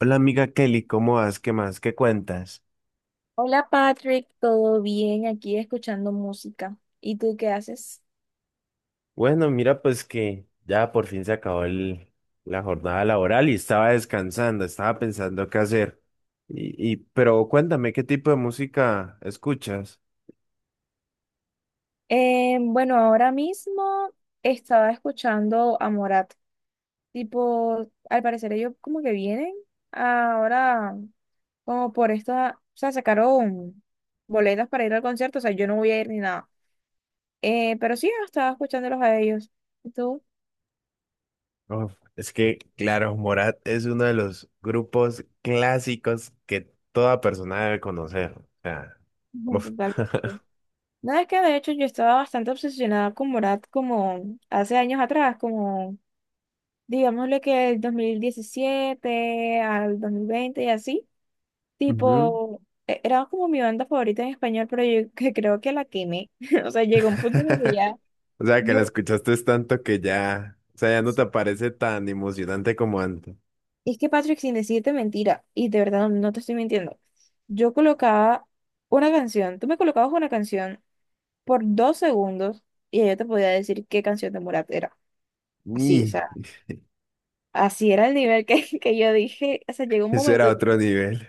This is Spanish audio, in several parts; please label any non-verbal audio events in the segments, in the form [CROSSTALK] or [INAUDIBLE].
Hola amiga Kelly, ¿cómo vas? ¿Qué más? ¿Qué cuentas? Hola Patrick, ¿todo bien? Aquí escuchando música. ¿Y tú qué haces? Bueno, mira, pues que ya por fin se acabó la jornada laboral y estaba descansando, estaba pensando qué hacer. Pero cuéntame, ¿qué tipo de música escuchas? Bueno, ahora mismo estaba escuchando a Morat. Tipo, al parecer ellos como que vienen ahora como por esta, o sea, sacaron boletas para ir al concierto, o sea, yo no voy a ir ni nada. Pero sí, estaba escuchándolos a ellos. ¿Y tú? Uf, es que, claro, Morat es uno de los grupos clásicos que toda persona debe conocer. O sea, Ujú, uf. totalmente. [LAUGHS] Nada, es que de hecho yo estaba bastante obsesionada con Morat como hace años atrás, como digámosle que el 2017 al 2020 y así, Ujú. tipo, era como mi banda favorita en español, pero yo [LAUGHS] que creo que la quemé. [LAUGHS] O sea, llegó un punto en el que [LAUGHS] ya, O sea, que la yo, escuchaste es tanto que ya, o sea, ya no sí, te parece tan emocionante como antes. es que Patrick, sin decirte mentira, y de verdad no, no te estoy mintiendo, yo colocaba una canción, tú me colocabas una canción por 2 segundos y ya yo te podía decir qué canción de Morat era. Así, o Y sea, así era el nivel que, [LAUGHS] que yo dije, o sea, llegó un eso momento. era otro nivel.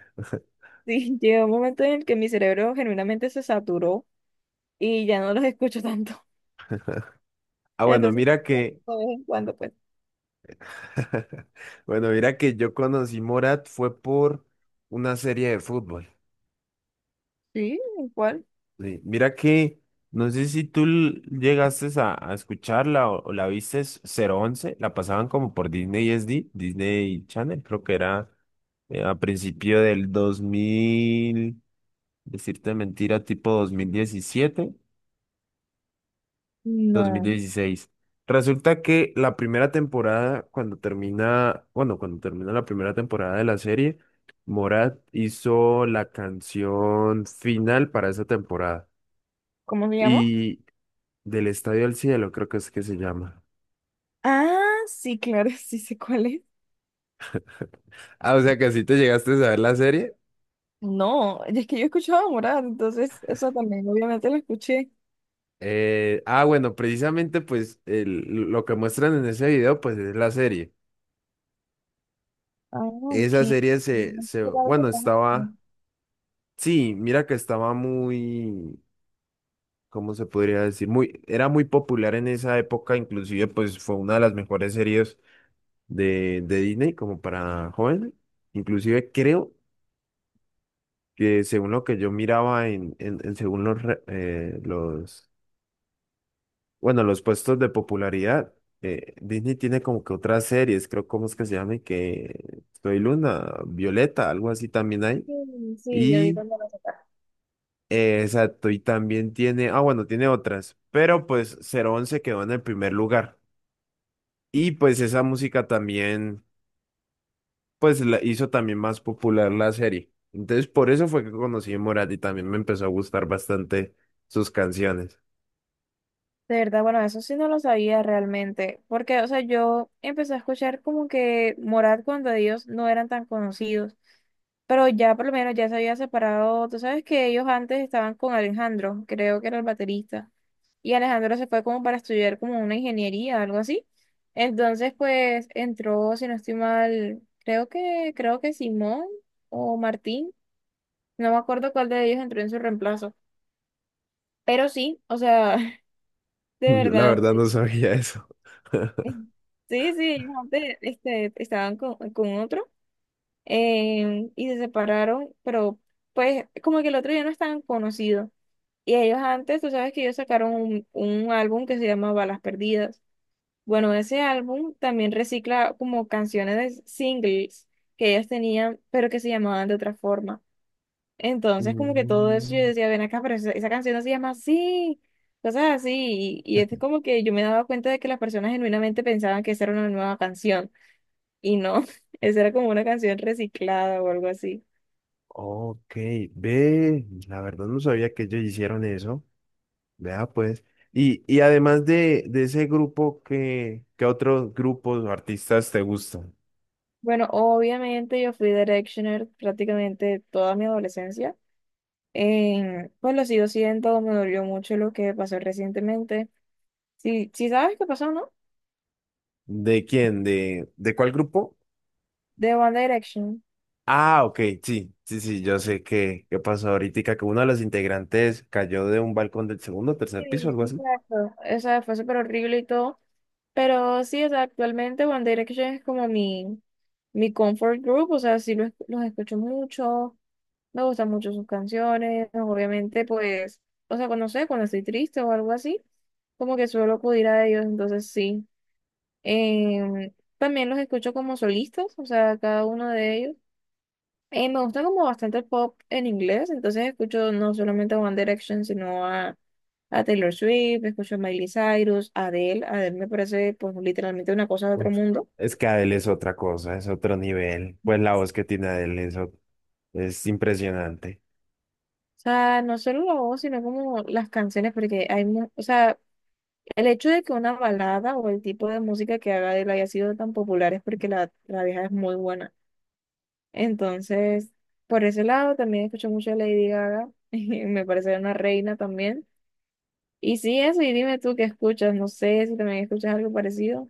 Sí, llegó un momento en el que mi cerebro genuinamente se saturó y ya no los escucho tanto. [LAUGHS] Ah, bueno, Entonces, de mira que, vez en cuando, pues. [LAUGHS] bueno, mira que yo conocí Morat fue por una serie de fútbol. Sí, ¿cuál? Sí, mira que, no sé si tú llegaste a escucharla o la viste es cero once, la pasaban como por Disney SD, Disney Channel, creo que era a principio del 2000, decirte mentira, tipo 2017, dos mil No. dieciséis Resulta que la primera temporada, cuando termina, bueno, cuando termina la primera temporada de la serie, Morat hizo la canción final para esa temporada. ¿Cómo se llama? Y Del Estadio al Cielo, creo que es que se llama. Ah, sí, claro, [LAUGHS] sí sé cuál es. Ah, o sea que así te llegaste a ver la serie. No, es que yo escuchaba Morat, entonces eso también, obviamente lo escuché. Ah, bueno, precisamente pues lo que muestran en ese video pues es la serie. Ah, ok. Esa serie Era algo bueno, raro. estaba, sí, mira que estaba muy, ¿cómo se podría decir? Muy, era muy popular en esa época, inclusive pues fue una de las mejores series de Disney como para jóvenes. Inclusive creo que según lo que yo miraba en según los, los, bueno, los puestos de popularidad, Disney tiene como que otras series, creo, ¿cómo es que se llama? Que Soy Luna, Violeta, algo así también hay. Sí, sí, yo vi Y... cuando lo sacaron. Exacto, y también tiene, ah, bueno, tiene otras, pero pues cero once quedó en el primer lugar. Y pues esa música también, pues la hizo también más popular la serie. Entonces por eso fue que conocí a Morat y también me empezó a gustar bastante sus canciones. De verdad, bueno, eso sí no lo sabía realmente, porque, o sea, yo empecé a escuchar como que Morat cuando ellos no eran tan conocidos, pero ya por lo menos ya se había separado, tú sabes que ellos antes estaban con Alejandro, creo que era el baterista, y Alejandro se fue como para estudiar como una ingeniería, algo así, entonces pues entró, si no estoy mal, creo que Simón o Martín, no me acuerdo cuál de ellos entró en su reemplazo, pero sí, o sea, [LAUGHS] [LAUGHS] de Yo la verdad. verdad no sabía eso. Sí, sí, antes, este, estaban con otro y se separaron, pero pues como que el otro ya no estaban conocidos. Y ellos antes, tú sabes que ellos sacaron un álbum que se llama Balas Perdidas. Bueno, ese álbum también recicla como canciones de singles que ellos tenían, pero que se llamaban de otra forma. Entonces, como que todo eso, yo Mm, decía, ven acá, pero esa canción no se llama así, cosas así. Y es como que yo me daba cuenta de que las personas genuinamente pensaban que esa era una nueva canción y no, [LAUGHS] esa era como una canción reciclada o algo así. ok, ve, la verdad no sabía que ellos hicieron eso. Vea pues. Y además de ese grupo, ¿Qué otros grupos o artistas te gustan? Bueno, obviamente yo fui Directioner prácticamente toda mi adolescencia. Pues lo sigo siendo, me dolió mucho lo que pasó recientemente. Sí, sí sabes qué pasó, ¿no? ¿De quién? ¿De cuál grupo? De One Direction. Ah, ok, sí, sí, sí, yo sé que, qué pasó ahorita, que uno de los integrantes cayó de un balcón del segundo o Sí, tercer piso, algo así. exacto. O sea, fue súper horrible y todo. Pero sí, o sea, actualmente One Direction es como mi comfort group. O sea, sí los escucho mucho. Me gustan mucho sus canciones. Obviamente, pues, o sea, cuando sé, cuando estoy triste o algo así, como que suelo acudir a ellos. Entonces, sí. Em, también los escucho como solistas, o sea, cada uno de ellos. Me gusta como bastante el pop en inglés, entonces escucho no solamente a One Direction, sino a Taylor Swift, escucho a Miley Cyrus, a Adele. Adele me parece pues literalmente una cosa de otro Uf, mundo. O es que Adele es otra cosa, es otro nivel. Pues la voz que tiene Adele es impresionante. sea, no solo la voz, sino como las canciones, porque hay, o sea, el hecho de que una balada o el tipo de música que haga Adele haya sido tan popular es porque la vieja es muy buena. Entonces, por ese lado también escucho mucho a Lady Gaga, [LAUGHS] me parece una reina también. Y sí, eso, y dime tú qué escuchas, no sé si también escuchas algo parecido.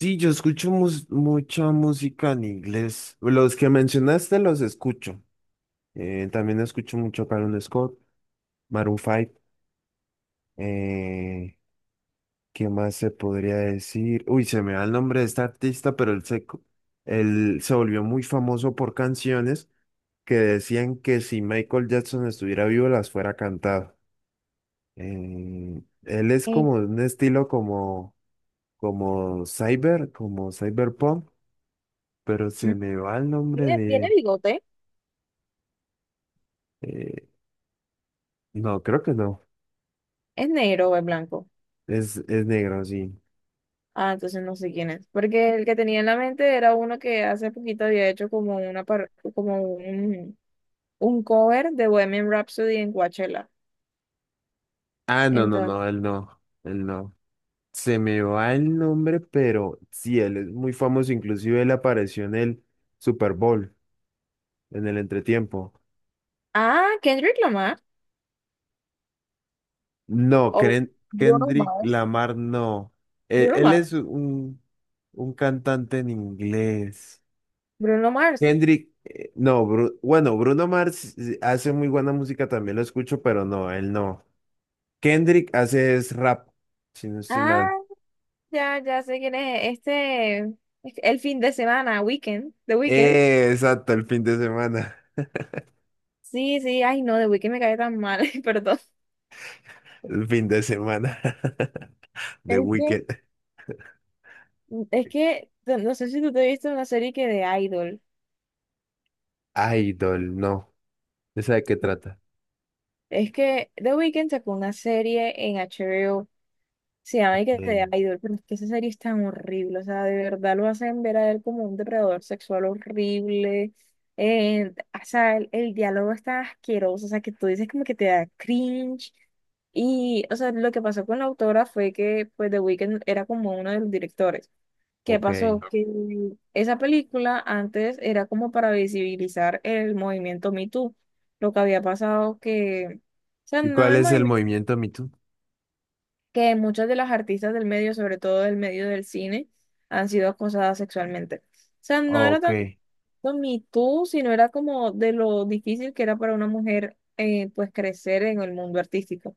Sí, yo escucho mucha música en inglés. Los que mencionaste los escucho. También escucho mucho Carol Scott, Maroon 5. ¿Qué más se podría decir? Uy, se me da el nombre de este artista, pero él se volvió muy famoso por canciones que decían que si Michael Jackson estuviera vivo las fuera cantado. Él es Eh, como de un estilo como, como cyber, como cyberpunk, pero mm, se me va el nombre ¿Tiene, de... tiene él. bigote? eh, no, creo que no. ¿Es negro o es blanco? Es negro, sí. Ah, entonces no sé quién es. Porque el que tenía en la mente era uno que hace poquito había hecho como una par- como un cover de Bohemian Rhapsody en Coachella. Ah, no, no, Entonces, no, él no, él no. Se me va el nombre, pero sí, él es muy famoso. Inclusive él apareció en el Super Bowl, en el entretiempo. ah, ¿Kendrick Lamar No, o Bruno Kendrick Mars? Lamar no. Bruno él es Mars. Un cantante en inglés. Bruno Mars. Kendrick, no, bueno, Bruno Mars hace muy buena música, también lo escucho, pero no, él no. Kendrick hace es rap, si no estoy Ah, mal. ya, ya sé quién es. El fin de semana, Weekend, The Weekend. Exacto, el fin de semana. [LAUGHS] Sí, sí, ay no, The Weeknd me cae tan mal, [LAUGHS] perdón. El fin de semana. [LAUGHS] The Es que, Weeknd. No sé si tú te viste una serie que de Idol. Idol, no. ¿Esa de qué trata? Es que The Weeknd sacó una serie en HBO, se llama y que The Sí. Idol, pero es que esa serie es tan horrible, o sea, de verdad lo hacen ver a él como un depredador sexual horrible, o sea, el diálogo está asqueroso, o sea, que tú dices como que te da cringe, y, o sea, lo que pasó con la autora fue que, pues, The Weeknd era como uno de los directores. ¿Qué Ok. pasó? Que esa película antes era como para visibilizar el movimiento Me Too. Lo que había pasado que, o sea, ¿Y no cuál el es el movimiento, movimiento Me Too? que muchas de las artistas del medio, sobre todo del medio del cine, han sido acosadas sexualmente. O sea, no era Ok. tanto Me Too, sino era como de lo difícil que era para una mujer, pues, crecer en el mundo artístico.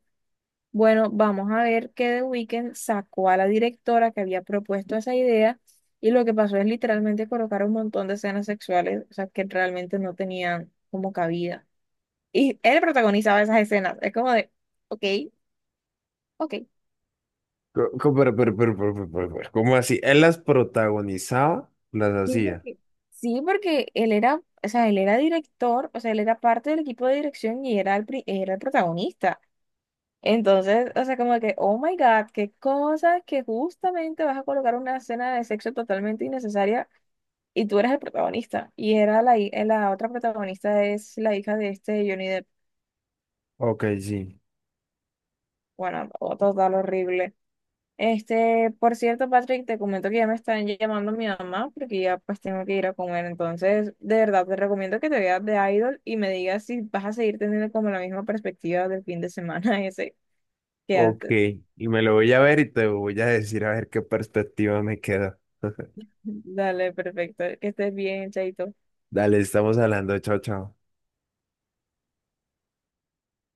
Bueno, vamos a ver que The Weeknd sacó a la directora que había propuesto esa idea y lo que pasó es literalmente colocar un montón de escenas sexuales, o sea, que realmente no tenían como cabida. Y él protagonizaba esas escenas. Es como de, ok, ok. Pero, ¿cómo así? ¿Él las protagonizaba? ¿Las Sí, hacía? porque, sí, porque él era, o sea, él era director, o sea, él era parte del equipo de dirección y era el protagonista. Entonces, o sea, como que, oh my God, qué cosa que justamente vas a colocar una escena de sexo totalmente innecesaria y tú eres el protagonista. La otra protagonista es la hija de este Johnny Depp. Ok, sí. Bueno, otro total horrible. Este, por cierto, Patrick, te comento que ya me están llamando mi mamá porque ya pues tengo que ir a comer. Entonces, de verdad, te recomiendo que te veas de Idol y me digas si vas a seguir teniendo como la misma perspectiva del fin de semana [LAUGHS] ese que Ok. antes. Y me lo voy a ver y te voy a decir a ver qué perspectiva me queda. [LAUGHS] Dale, perfecto. Que estés bien, Chaito. Dale, estamos hablando. Chao, chao.